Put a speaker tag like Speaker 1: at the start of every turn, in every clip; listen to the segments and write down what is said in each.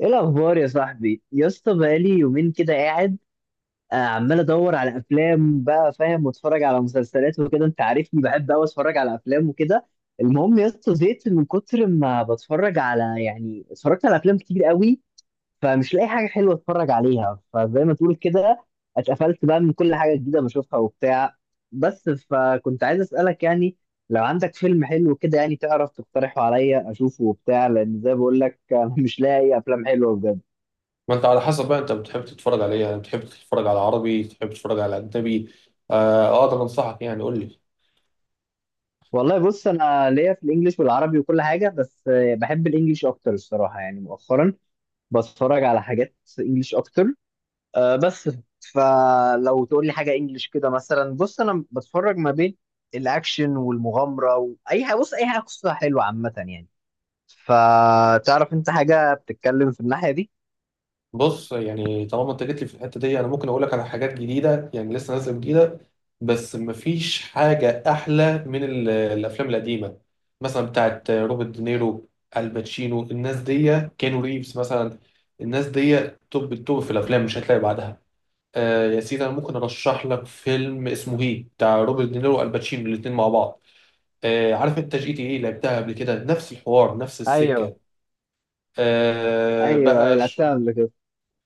Speaker 1: ايه الاخبار يا صاحبي يا اسطى؟ بقالي يومين كده قاعد. عمال ادور على افلام، بقى فاهم، واتفرج على مسلسلات وكده. انت عارفني بحب قوي اتفرج على افلام وكده. المهم يا اسطى، زهقت من كتر ما بتفرج على اتفرجت على افلام كتير قوي، فمش لاقي حاجه حلوه اتفرج عليها، فزي ما تقول كده اتقفلت بقى من كل حاجه جديده بشوفها وبتاع. بس فكنت عايز اسالك، يعني لو عندك فيلم حلو كده يعني، تعرف تقترحه عليا اشوفه وبتاع، لان زي ما بقول لك مش لاقي افلام حلوه بجد.
Speaker 2: ما انت على حسب بقى، انت بتحب تتفرج على ايه؟ يعني بتحب تتفرج على عربي، بتحب تتفرج على اجنبي؟ آه. آه، اقدر انصحك، يعني قول لي.
Speaker 1: والله بص، انا ليا في الانجليش والعربي وكل حاجه، بس بحب الانجليش اكتر الصراحه، يعني مؤخرا بتفرج على حاجات انجليش اكتر. بس فلو تقول لي حاجه انجليش كده مثلا، بص انا بتفرج ما بين الاكشن والمغامره، واي حاجه، بص اي حاجه قصه حلوه عامه يعني. فتعرف انت حاجه بتتكلم في الناحيه دي؟
Speaker 2: بص، يعني طالما انت جيت لي في الحته دي، انا ممكن اقول لك على حاجات جديده، يعني لسه نازله جديده. بس مفيش حاجه احلى من الافلام القديمه، مثلا بتاعت روبرت دينيرو، الباتشينو، الناس دي، كانو ريفز مثلا. الناس دي توب التوب في الافلام، مش هتلاقي بعدها. آه يا سيدي، انا ممكن ارشح لك فيلم اسمه هي، بتاع روبرت دينيرو والباتشينو الاثنين مع بعض. آه، عارف انت جي تي ايه؟ لعبتها قبل كده، نفس الحوار نفس
Speaker 1: ايوه.
Speaker 2: السكه.
Speaker 1: ايوه، أيوة،
Speaker 2: بقى
Speaker 1: لعبتها قبل كده.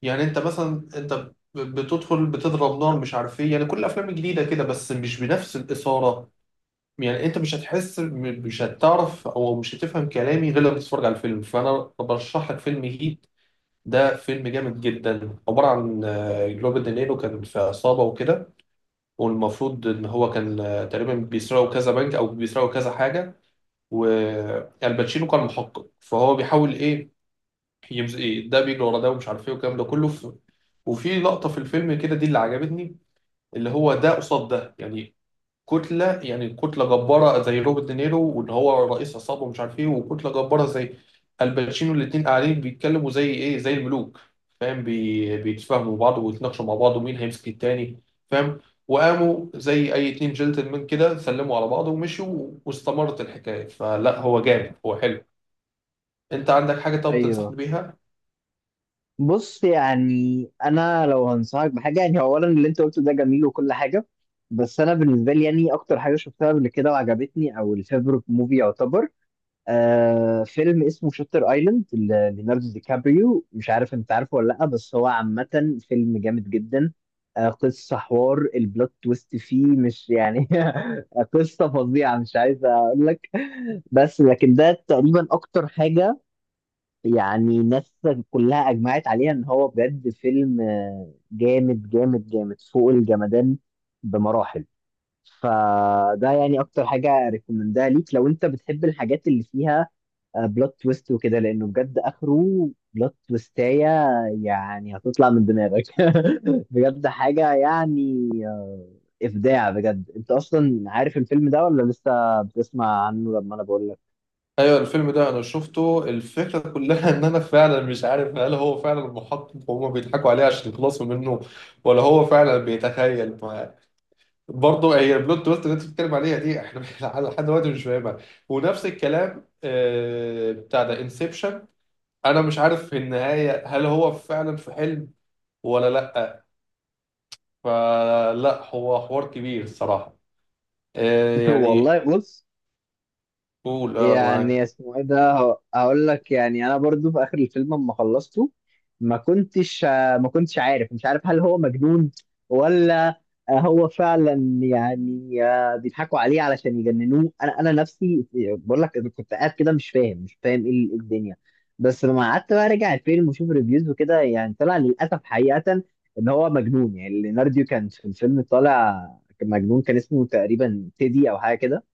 Speaker 2: يعني انت مثلا، انت بتدخل، بتضرب نار، مش عارف ايه، يعني كل الافلام الجديده كده، بس مش بنفس الاثاره. يعني انت مش هتحس م- مش هتعرف او مش هتفهم كلامي غير لما تتفرج على الفيلم. فانا برشح لك فيلم هيت. ده فيلم جامد جدا، عباره عن روبرت دينيرو كان في عصابه وكده. والمفروض ان هو كان تقريبا بيسرقوا كذا بنك او بيسرقوا كذا حاجه. والباتشينو كان محقق، فهو بيحاول ايه؟ ايه ده، بيجري ورا ده ومش عارف ايه والكلام ده كله وفي لقطة في الفيلم كده، دي اللي عجبتني، اللي هو ده قصاد ده، يعني كتلة، يعني كتلة جبارة زي روبرت دينيرو واللي هو رئيس عصابة ومش عارف ايه، وكتلة جبارة زي الباتشينو. الاتنين قاعدين بيتكلموا زي ايه؟ زي الملوك. فاهم؟ بيتفاهموا بعض ويتناقشوا مع بعض ومين هيمسك التاني. فاهم؟ وقاموا زي اي اتنين جنتلمان كده، سلموا على بعض ومشوا، واستمرت الحكاية. فلا، هو جامد، هو حلو. انت عندك حاجة طب
Speaker 1: ايوه.
Speaker 2: تنصحني بيها؟
Speaker 1: بص يعني، انا لو هنصحك بحاجه يعني، اولا اللي انت قلته ده جميل وكل حاجه، بس انا بالنسبه لي يعني، اكتر حاجه شفتها قبل كده وعجبتني او الفيفورت موفي يعتبر، آه، فيلم اسمه شاتر ايلاند، ليوناردو دي كابريو. مش عارف انت عارفه ولا لا، بس هو عامه فيلم جامد جدا. آه، قصه حوار البلوت تويست فيه مش يعني قصه فظيعه، مش عايز اقول لك. بس لكن ده تقريبا اكتر حاجه يعني الناس كلها اجمعت عليها ان هو بجد فيلم جامد جامد فوق الجمدان بمراحل. فده يعني اكتر حاجه ريكومندها ليك لو انت بتحب الحاجات اللي فيها بلوت تويست وكده، لانه بجد اخره بلوت تويستايه يعني، هتطلع من دماغك بجد حاجه يعني ابداع بجد. انت اصلا عارف الفيلم ده ولا لسه بتسمع عنه لما انا بقول لك؟
Speaker 2: ايوه، الفيلم ده انا شفته. الفكره كلها ان انا فعلا مش عارف، هل هو فعلا محقق وهما بيضحكوا عليه عشان يخلصوا منه، ولا هو فعلا بيتخيل معاه؟ برضه هي البلوت تويست اللي انت بتتكلم عليها دي، احنا لحد دلوقتي مش فاهمها. ونفس الكلام بتاع ده انسبشن. انا مش عارف في النهايه هل هو فعلا في حلم ولا لا. فلا، هو حوار كبير الصراحه. يعني،
Speaker 1: والله بص،
Speaker 2: قول اه، أنا
Speaker 1: يعني
Speaker 2: معاك.
Speaker 1: اسمه ايه ده هقول لك. يعني انا برضو في اخر الفيلم لما خلصته ما كنتش ما كنتش عارف، مش عارف هل هو مجنون ولا هو فعلا يعني بيضحكوا عليه علشان يجننوه. انا نفسي بقول لك أنا كنت قاعد كده مش فاهم إيه الدنيا. بس لما قعدت بقى راجع الفيلم وشوف ريفيوز وكده، يعني طلع للاسف حقيقة ان هو مجنون. يعني ليوناردو كان في الفيلم طالع مجنون، كان اسمه تقريبا تيدي او حاجة كده.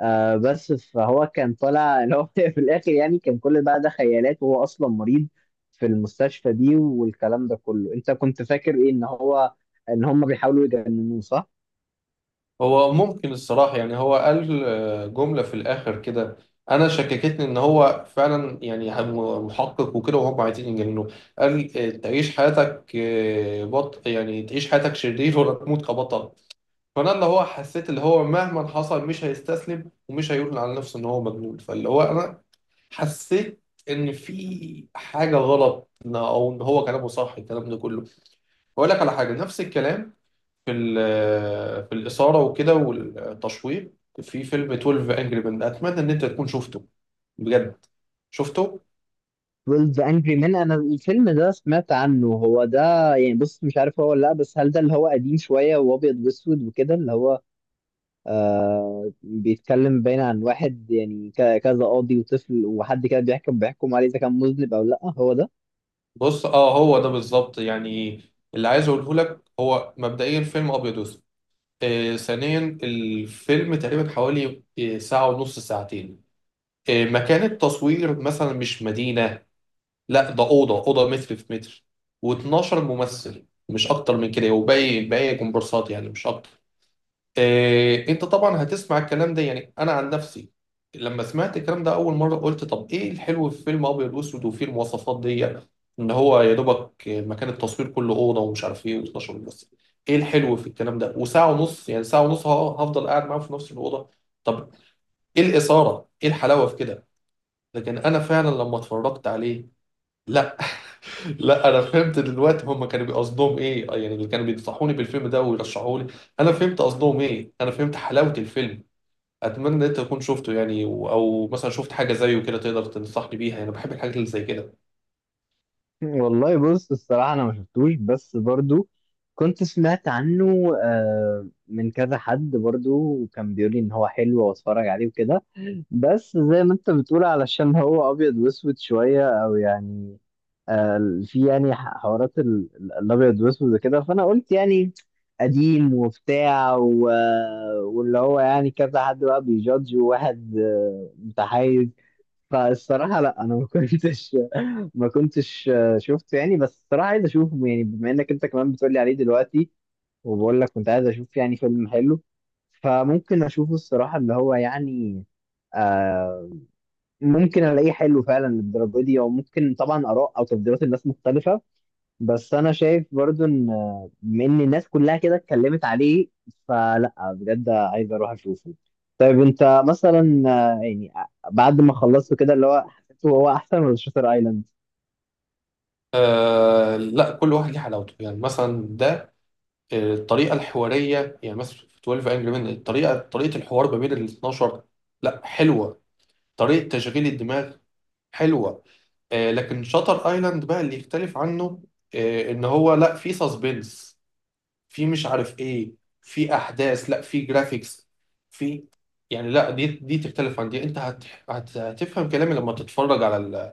Speaker 1: بس فهو كان طالع اللي هو في الاخر يعني كان كل بقى ده خيالات، وهو اصلا مريض في المستشفى دي والكلام ده كله. انت كنت فاكر ايه، ان هم بيحاولوا يجننوه صح؟
Speaker 2: هو ممكن الصراحة، يعني هو قال جملة في الآخر كده، أنا شككتني إن هو فعلا، يعني محقق وكده، وهم عايزين يجننوه. قال تعيش حياتك، يعني تعيش حياتك شرير ولا تموت كبطل. فأنا اللي هو حسيت، اللي هو مهما حصل مش هيستسلم ومش هيقول على نفسه إن هو مجنون. فاللي هو أنا حسيت إن في حاجة غلط، أو إن هو كلامه صح، الكلام ده كله. بقول لك على حاجة نفس الكلام، في الإثارة وكده والتشويق، في فيلم 12 انجري مان، أتمنى إن أنت تكون شفته بجد. شفته؟
Speaker 1: 12 Angry Men، انا الفيلم ده سمعت عنه. هو ده يعني، بص مش عارف هو ولا لا، بس هل ده اللي هو قديم شوية وابيض واسود وكده، اللي هو آه بيتكلم باين عن واحد يعني، كذا قاضي وطفل وحد كده بيحكم عليه اذا كان مذنب او لا، هو ده؟
Speaker 2: بص، هو ده بالظبط. يعني اللي عايز اقوله لك، هو مبدئيا فيلم ابيض واسود. ثانيا، الفيلم تقريبا حوالي ساعة ونص، ساعتين. مكان التصوير مثلا مش مدينة، لا، ده أوضة، أوضة متر في متر. و12 ممثل مش أكتر من كده، وباقي كومبارسات يعني، مش أكتر. إيه؟ انت طبعا هتسمع الكلام ده، يعني انا عن نفسي لما سمعت الكلام ده اول مره، قلت طب ايه الحلو في فيلم ابيض واسود وفيه المواصفات دي؟ ان هو يا دوبك مكان التصوير كله اوضه ومش عارف ايه، و12 ممثل. ايه الحلو في الكلام ده؟ وساعه ونص، يعني ساعه ونص هفضل قاعد معاهم في نفس الاوضه. طب ايه الاثاره؟ ايه الحلاوه في كده؟ لكن انا فعلا لما اتفرجت عليه، لا، لا، انا فهمت دلوقتي هم كانوا بيقصدهم ايه، يعني اللي كانوا بينصحوني بالفيلم ده ويرشحوا لي. انا فهمت قصدهم ايه، انا فهمت حلاوه الفيلم. اتمنى ان انت تكون شفته، يعني او مثلا شفت حاجه زيه كده تقدر تنصحني بيها، يعني انا بحب الحاجات اللي زي كده.
Speaker 1: والله بص الصراحة، أنا ما شفتوش، بس برضو كنت سمعت عنه من كذا حد برضو، وكان بيقول لي إن هو حلو وأتفرج عليه وكده. بس زي ما أنت بتقول، علشان هو أبيض وأسود شوية، أو يعني في يعني حوارات الأبيض وأسود وكده، فأنا قلت يعني قديم وبتاع، و... واللي هو يعني كذا حد بقى بيجادج، وواحد متحيز. فالصراحة لا، أنا ما كنتش شفته يعني، بس الصراحة عايز اشوفه يعني، بما انك انت كمان بتقولي عليه دلوقتي، وبقول لك كنت عايز اشوف يعني فيلم حلو، فممكن اشوفه الصراحة. اللي هو يعني آه ممكن الاقيه حلو فعلا للدرجة دي، او ممكن طبعا اراء او تفضيلات الناس مختلفة. بس انا شايف برضو ان بما ان الناس كلها كده اتكلمت عليه، فلا بجد عايز اروح اشوفه. طيب انت مثلا بعد ما خلصته كده اللي هو حسيته، هو احسن ولا شاتر ايلاند؟
Speaker 2: آه لا، كل واحد ليه حلاوته. يعني مثلا ده، الطريقه الحواريه، يعني مثلا في 12 انجري مان، الطريقه، طريقه الحوار ما بين ال 12، لا، حلوه. طريقه تشغيل الدماغ حلوه. لكن شاتر ايلاند بقى اللي يختلف عنه، ان هو لا، في سسبنس، في مش عارف ايه، في احداث، لا في جرافيكس، في، يعني لا، دي تختلف عن دي. انت هتفهم كلامي لما تتفرج على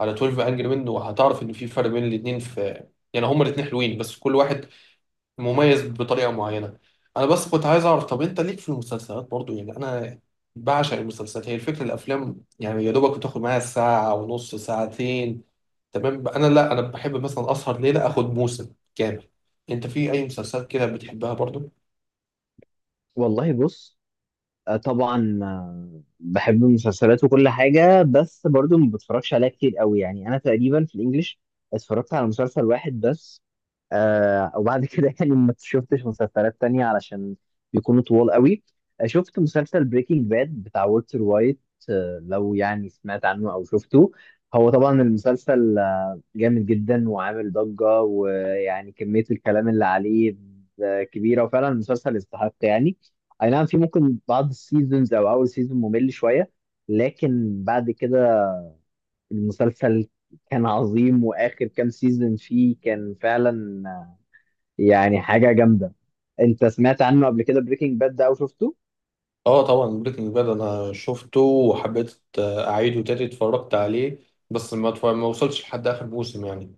Speaker 2: على 12 انجري مان، وهتعرف ان في فرق بين الاثنين، في يعني هما الاثنين حلوين، بس كل واحد مميز بطريقه معينه. انا بس كنت عايز اعرف، طب انت ليك في المسلسلات برضو؟ يعني انا بعشق المسلسلات. هي الفكره، الافلام يعني يا دوبك بتاخد معايا ساعه ونص، ساعتين، تمام. انا لا، انا بحب مثلا اسهر ليله، اخد موسم كامل. انت في اي مسلسلات كده بتحبها برضو؟
Speaker 1: والله بص، طبعا بحب المسلسلات وكل حاجة، بس برضو ما بتفرجش عليها كتير قوي. يعني أنا تقريبا في الإنجليش اتفرجت على مسلسل واحد بس، آه، وبعد كده يعني ما شفتش مسلسلات تانية علشان بيكونوا طوال قوي. شفت مسلسل بريكنج باد بتاع والتر وايت. آه، لو يعني سمعت عنه أو شفته، هو طبعا المسلسل جامد جدا وعامل ضجة، ويعني كمية الكلام اللي عليه كبيرة، وفعلا المسلسل يستحق يعني. أي نعم، في ممكن بعض السيزونز أو أول سيزون ممل شوية، لكن بعد كده المسلسل كان عظيم، وآخر كام سيزون فيه كان فعلا يعني حاجة جامدة. أنت سمعت عنه قبل كده بريكنج باد ده أو شفته؟
Speaker 2: اه طبعا، بريكنج باد انا شفته وحبيت اعيده تاني، اتفرجت عليه. بس ما وصلتش لحد اخر موسم يعني.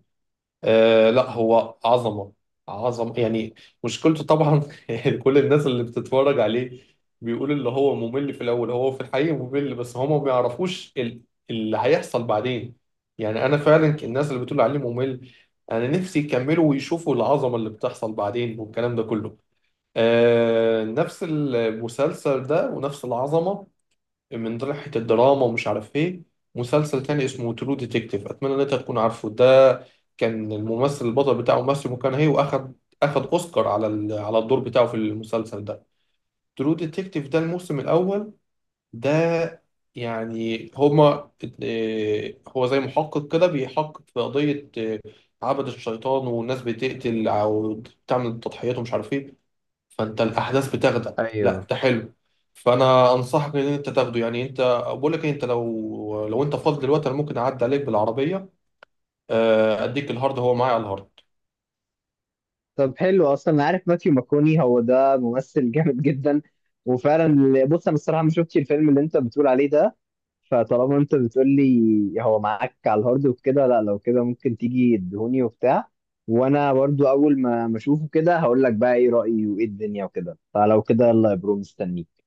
Speaker 2: آه لا، هو عظمة، عظمة يعني. مشكلته طبعا كل الناس اللي بتتفرج عليه بيقول اللي هو ممل في الأول. هو في الحقيقة ممل، بس هما ما بيعرفوش اللي هيحصل بعدين. يعني أنا فعلا الناس اللي بتقول عليه ممل، أنا نفسي يكملوا ويشوفوا العظمة اللي بتحصل بعدين والكلام ده كله. آه، نفس المسلسل ده ونفس العظمة من ناحية الدراما ومش عارف ايه. مسلسل تاني اسمه ترو ديتكتيف، اتمنى ان انت تكون عارفه ده. كان الممثل البطل بتاعه ماسيو مكانهي، واخد اوسكار على على الدور بتاعه في المسلسل ده. ترو ديتكتيف ده الموسم الاول ده، يعني هما، هو زي محقق كده بيحقق في قضية، عبد الشيطان، والناس بتقتل او بتعمل تضحيات ومش عارف ايه. فانت الاحداث بتاخدك، لا
Speaker 1: ايوه.
Speaker 2: ده حلو. فانا انصحك ان انت تاخده. يعني انت، بقول لك إيه، انت لو انت فاضي دلوقتي، انا ممكن اعدي عليك بالعربيه، آه، اديك الهارد. هو معايا على الهارد.
Speaker 1: طب حلو. اصلا انا عارف ماثيو ماكوني، هو ده ممثل جامد جدا. وفعلا بص انا الصراحه ما شفتش الفيلم اللي انت بتقول عليه ده، فطالما انت بتقول لي هو معاك على الهارد وكده، لا لو كده ممكن تيجي تدهوني وبتاع، وانا برضو اول ما اشوفه كده هقول لك بقى ايه رأيي وايه الدنيا وكده، فلو كده يلا يا برو، مستنيك.